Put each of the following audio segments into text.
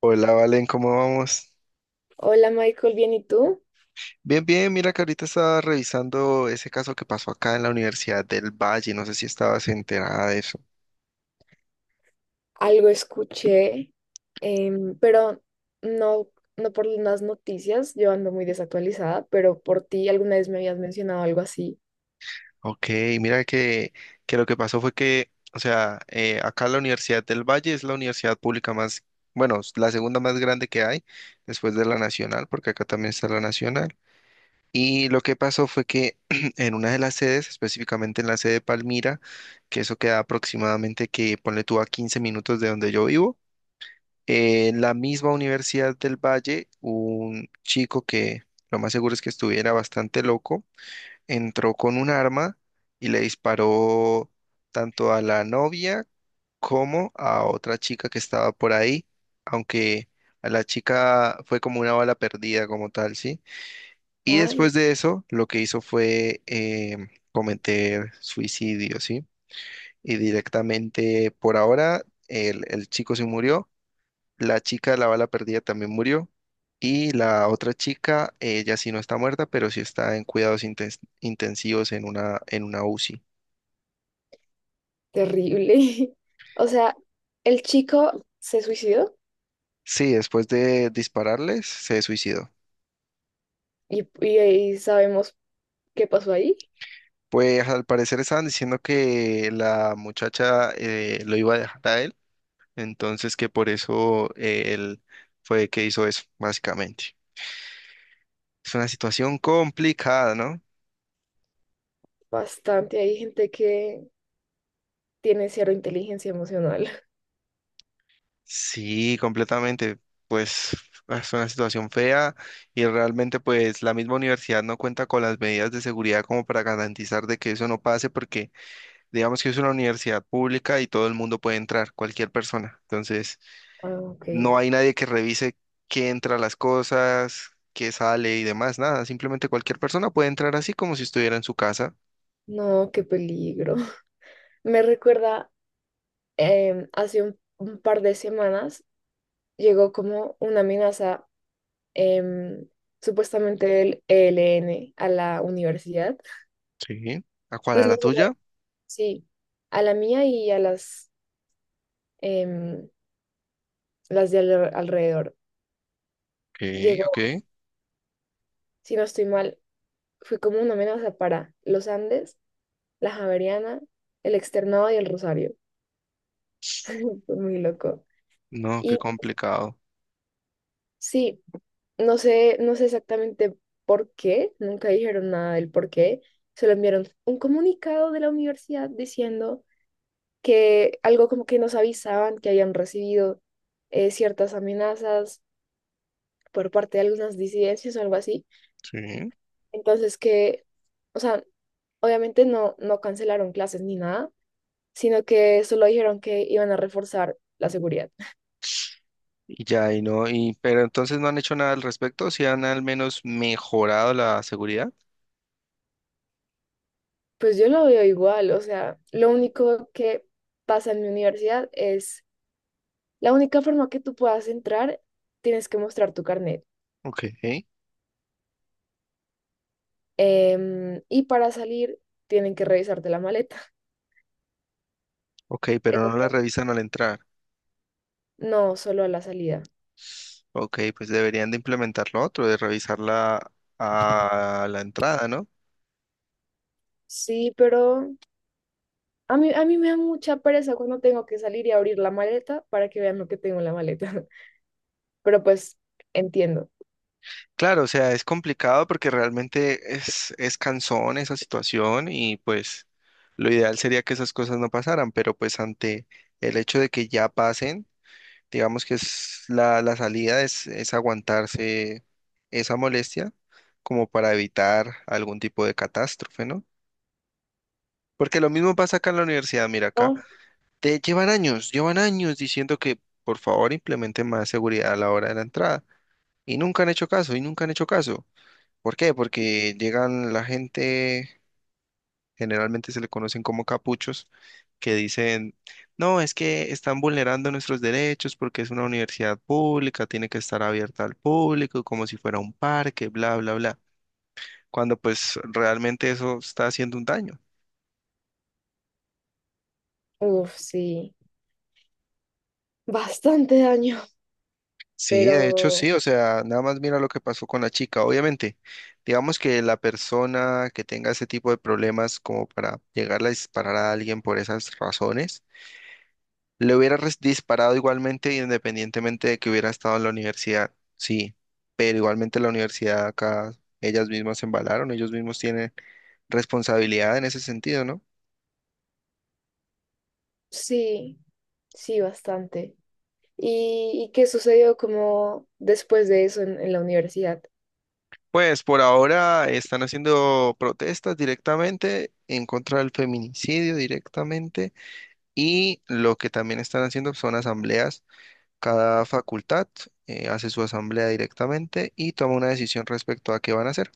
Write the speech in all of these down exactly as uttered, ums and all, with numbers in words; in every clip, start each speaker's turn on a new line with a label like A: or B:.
A: Hola, Valen, ¿cómo vamos?
B: Hola Michael, bien, ¿y tú?
A: Bien, bien, mira que ahorita estaba revisando ese caso que pasó acá en la Universidad del Valle, no sé si estabas enterada de eso.
B: Algo escuché, em, pero no, no por las noticias, yo ando muy desactualizada, pero por ti alguna vez me habías mencionado algo así.
A: Ok, mira que, que lo que pasó fue que, o sea, eh, acá la Universidad del Valle es la universidad pública más, bueno, es la segunda más grande que hay después de la Nacional, porque acá también está la Nacional. Y lo que pasó fue que en una de las sedes, específicamente en la sede de Palmira, que eso queda aproximadamente que ponle tú a quince minutos de donde yo vivo. En la misma Universidad del Valle, un chico que lo más seguro es que estuviera bastante loco, entró con un arma y le disparó tanto a la novia como a otra chica que estaba por ahí, aunque a la chica fue como una bala perdida como tal, ¿sí? Y
B: Ay,
A: después de eso, lo que hizo fue em, cometer suicidio, ¿sí? Y directamente por ahora el el chico se murió, la chica de la bala perdida también murió. Y la otra chica, ella sí no está muerta, pero sí está en cuidados inten- intensivos en una, en una UCI.
B: terrible. O sea, el chico se suicidó
A: Sí, después de dispararles, se suicidó.
B: y, y, ahí sabemos qué pasó ahí.
A: Pues al parecer estaban diciendo que la muchacha eh, lo iba a dejar a él, entonces que por eso eh, él fue que hizo eso, básicamente. Es una situación complicada, ¿no?
B: Bastante, hay gente que tiene cero inteligencia emocional.
A: Sí, completamente. Pues es una situación fea y realmente pues la misma universidad no cuenta con las medidas de seguridad como para garantizar de que eso no pase porque digamos que es una universidad pública y todo el mundo puede entrar, cualquier persona. Entonces
B: Ah, ok.
A: no hay nadie que revise qué entra a las cosas, qué sale y demás, nada. Simplemente cualquier persona puede entrar así como si estuviera en su casa.
B: No, qué peligro. Me recuerda em, hace un un par de semanas. Llegó como una amenaza, em, supuestamente del E L N a la universidad,
A: Sí. ¿A cuál? ¿A
B: pues
A: la
B: no solo,
A: tuya?
B: sí, a la mía y a las, em, las de al- alrededor.
A: Ok, ok.
B: Llegó, si no estoy mal, fue como una amenaza para los Andes, la Javeriana, el Externado y el Rosario. Fue muy loco.
A: No, qué
B: Y
A: complicado.
B: sí, no sé, no sé exactamente por qué, nunca dijeron nada del por qué. Solo enviaron un comunicado de la universidad diciendo que algo como que nos avisaban que habían recibido eh, ciertas amenazas por parte de algunas disidencias o algo así.
A: Sí.
B: Entonces que, o sea, obviamente no, no cancelaron clases ni nada, sino que solo dijeron que iban a reforzar la seguridad.
A: Y ya, y no, y, pero entonces no han hecho nada al respecto, si han al menos mejorado la seguridad.
B: Pues yo lo veo igual, o sea, lo único que pasa en mi universidad es, la única forma que tú puedas entrar, tienes que mostrar tu carnet.
A: Ok,
B: Em, y para salir, tienen que revisarte la maleta.
A: ok, pero no la
B: Eso
A: revisan al entrar.
B: no, solo a la salida.
A: Ok, pues deberían de implementar lo otro, de revisarla a la entrada, ¿no?
B: Sí, pero a mí, a mí me da mucha pereza cuando tengo que salir y abrir la maleta para que vean lo que tengo en la maleta. Pero pues entiendo,
A: Claro, o sea, es complicado porque realmente es, es cansón esa situación y pues lo ideal sería que esas cosas no pasaran, pero pues ante el hecho de que ya pasen, digamos que es la, la salida es, es aguantarse esa molestia como para evitar algún tipo de catástrofe, ¿no? Porque lo mismo pasa acá en la universidad, mira acá,
B: ¿no?
A: te llevan años, llevan años diciendo que por favor implementen más seguridad a la hora de la entrada y nunca han hecho caso, y nunca han hecho caso. ¿Por qué? Porque llegan la gente, generalmente se le conocen como capuchos, que dicen, no, es que están vulnerando nuestros derechos porque es una universidad pública, tiene que estar abierta al público, como si fuera un parque, bla, bla, bla, cuando pues realmente eso está haciendo un daño.
B: Uf, sí, bastante daño,
A: Sí, de hecho sí,
B: pero
A: o sea, nada más mira lo que pasó con la chica. Obviamente, digamos que la persona que tenga ese tipo de problemas como para llegar a disparar a alguien por esas razones, le hubiera res- disparado igualmente, independientemente de que hubiera estado en la universidad, sí, pero igualmente la universidad acá, ellas mismas se embalaron, ellos mismos tienen responsabilidad en ese sentido, ¿no?
B: sí, sí, bastante. ¿Y, y qué sucedió como después de eso en, en la universidad?
A: Pues por ahora están haciendo protestas directamente en contra del feminicidio directamente y lo que también están haciendo son asambleas. Cada facultad eh, hace su asamblea directamente y toma una decisión respecto a qué van a hacer.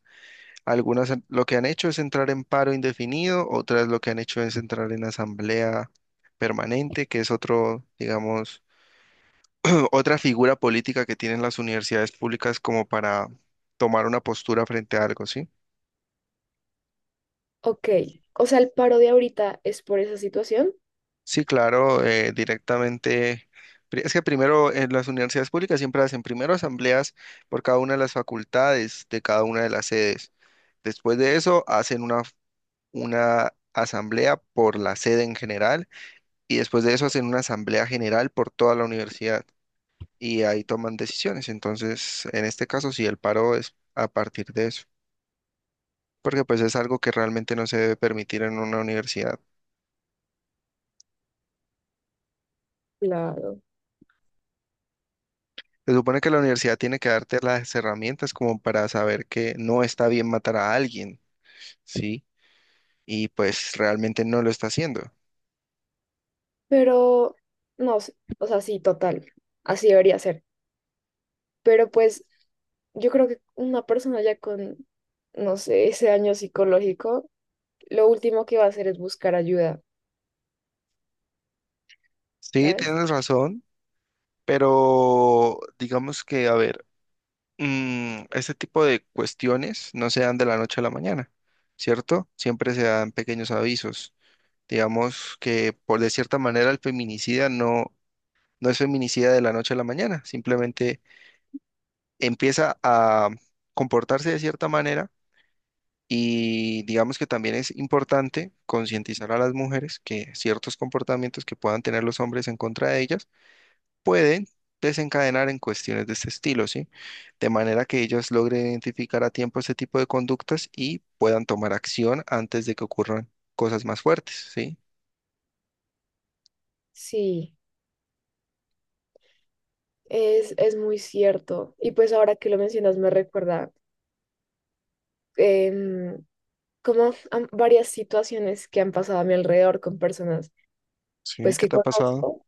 A: Algunas en- lo que han hecho es entrar en paro indefinido, otras lo que han hecho es entrar en asamblea permanente, que es otro, digamos, otra figura política que tienen las universidades públicas como para tomar una postura frente a algo, ¿sí?
B: Ok, o sea, el paro de ahorita es por esa situación.
A: Sí, claro, eh, directamente. pri- Es que primero en las universidades públicas siempre hacen primero asambleas por cada una de las facultades de cada una de las sedes. Después de eso hacen una, una asamblea por la sede en general y después de eso hacen una asamblea general por toda la universidad y ahí toman decisiones. Entonces, en este caso, sí, el paro es a partir de eso, porque pues es algo que realmente no se debe permitir en una universidad.
B: Claro.
A: Se supone que la universidad tiene que darte las herramientas como para saber que no está bien matar a alguien, ¿sí? Y pues realmente no lo está haciendo.
B: Pero, no, sé, o sea, sí, total, así debería ser. Pero pues yo creo que una persona ya con, no sé, ese daño psicológico, lo último que va a hacer es buscar ayuda,
A: Sí,
B: ¿sabes?
A: tienes razón, pero digamos que, a ver, mm, este tipo de cuestiones no se dan de la noche a la mañana, ¿cierto? Siempre se dan pequeños avisos. Digamos que por de cierta manera el feminicida no, no es feminicida de la noche a la mañana, simplemente empieza a comportarse de cierta manera y digamos que también es importante concientizar a las mujeres que ciertos comportamientos que puedan tener los hombres en contra de ellas pueden desencadenar en cuestiones de este estilo, ¿sí? De manera que ellos logren identificar a tiempo este tipo de conductas y puedan tomar acción antes de que ocurran cosas más fuertes, ¿sí?
B: Sí, es, es muy cierto. Y pues ahora que lo mencionas me recuerda em, como a varias situaciones que han pasado a mi alrededor con personas
A: Sí,
B: pues
A: ¿qué
B: que
A: te ha pasado?
B: conozco.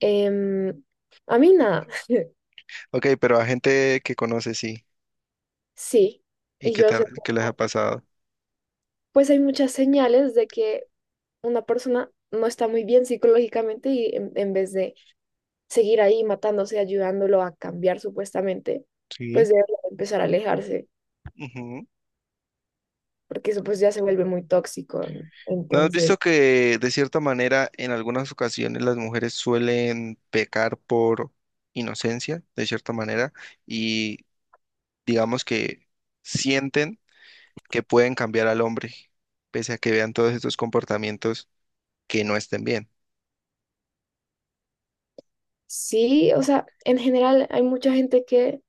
B: Em, a mí nada,
A: Ok, pero a gente que conoces, sí,
B: sí.
A: y
B: Y
A: que,
B: yo
A: te ha-
B: sé,
A: que les ha
B: como,
A: pasado.
B: pues hay muchas señales de que una persona no está muy bien psicológicamente y en en vez de seguir ahí matándose, ayudándolo a cambiar supuestamente,
A: Sí.
B: pues debe empezar a alejarse,
A: Ujú.
B: porque eso pues ya se vuelve muy tóxico, ¿no?
A: ¿No has visto
B: Entonces,
A: que de cierta manera en algunas ocasiones las mujeres suelen pecar por inocencia, de cierta manera, y digamos que sienten que pueden cambiar al hombre, pese a que vean todos estos comportamientos que no estén bien?
B: sí, o sea, en general hay mucha gente que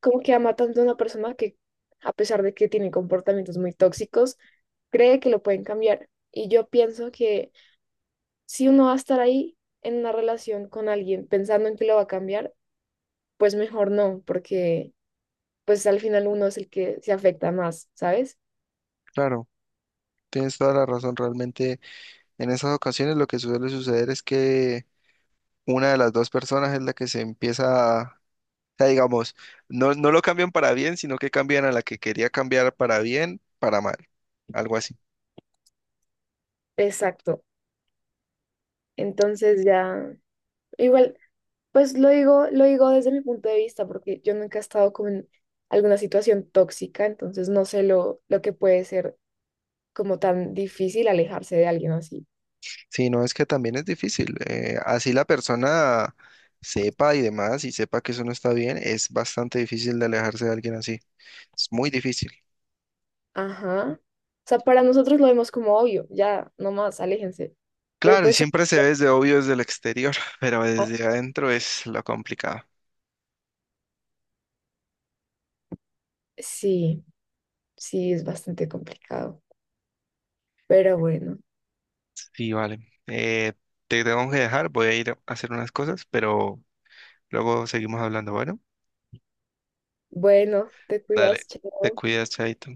B: como que ama tanto a una persona que a pesar de que tiene comportamientos muy tóxicos, cree que lo pueden cambiar. Y yo pienso que si uno va a estar ahí en una relación con alguien pensando en que lo va a cambiar, pues mejor no, porque pues al final uno es el que se afecta más, ¿sabes?
A: Claro, tienes toda la razón. Realmente en esas ocasiones lo que suele suceder es que una de las dos personas es la que se empieza a, o sea, digamos, no, no lo cambian para bien, sino que cambian a la que quería cambiar para bien, para mal, algo así.
B: Exacto. Entonces ya, igual, pues lo digo, lo digo desde mi punto de vista, porque yo nunca he estado como en alguna situación tóxica, entonces no sé lo, lo que puede ser como tan difícil alejarse de alguien así.
A: Sí, no, es que también es difícil. Eh, así la persona sepa y demás y sepa que eso no está bien, es bastante difícil de alejarse de alguien así. Es muy difícil.
B: Ajá. O sea, para nosotros lo vemos como obvio, ya, nomás, aléjense. Pero
A: Claro, y
B: pues
A: siempre se ve desde obvio desde el exterior, pero desde
B: ah,
A: adentro es lo complicado.
B: sí, sí, es bastante complicado. Pero bueno,
A: Sí, vale. Eh, te tengo que dejar, voy a ir a hacer unas cosas, pero luego seguimos hablando. Bueno,
B: bueno, te
A: dale,
B: cuidas,
A: te
B: chao.
A: cuidas, chaito.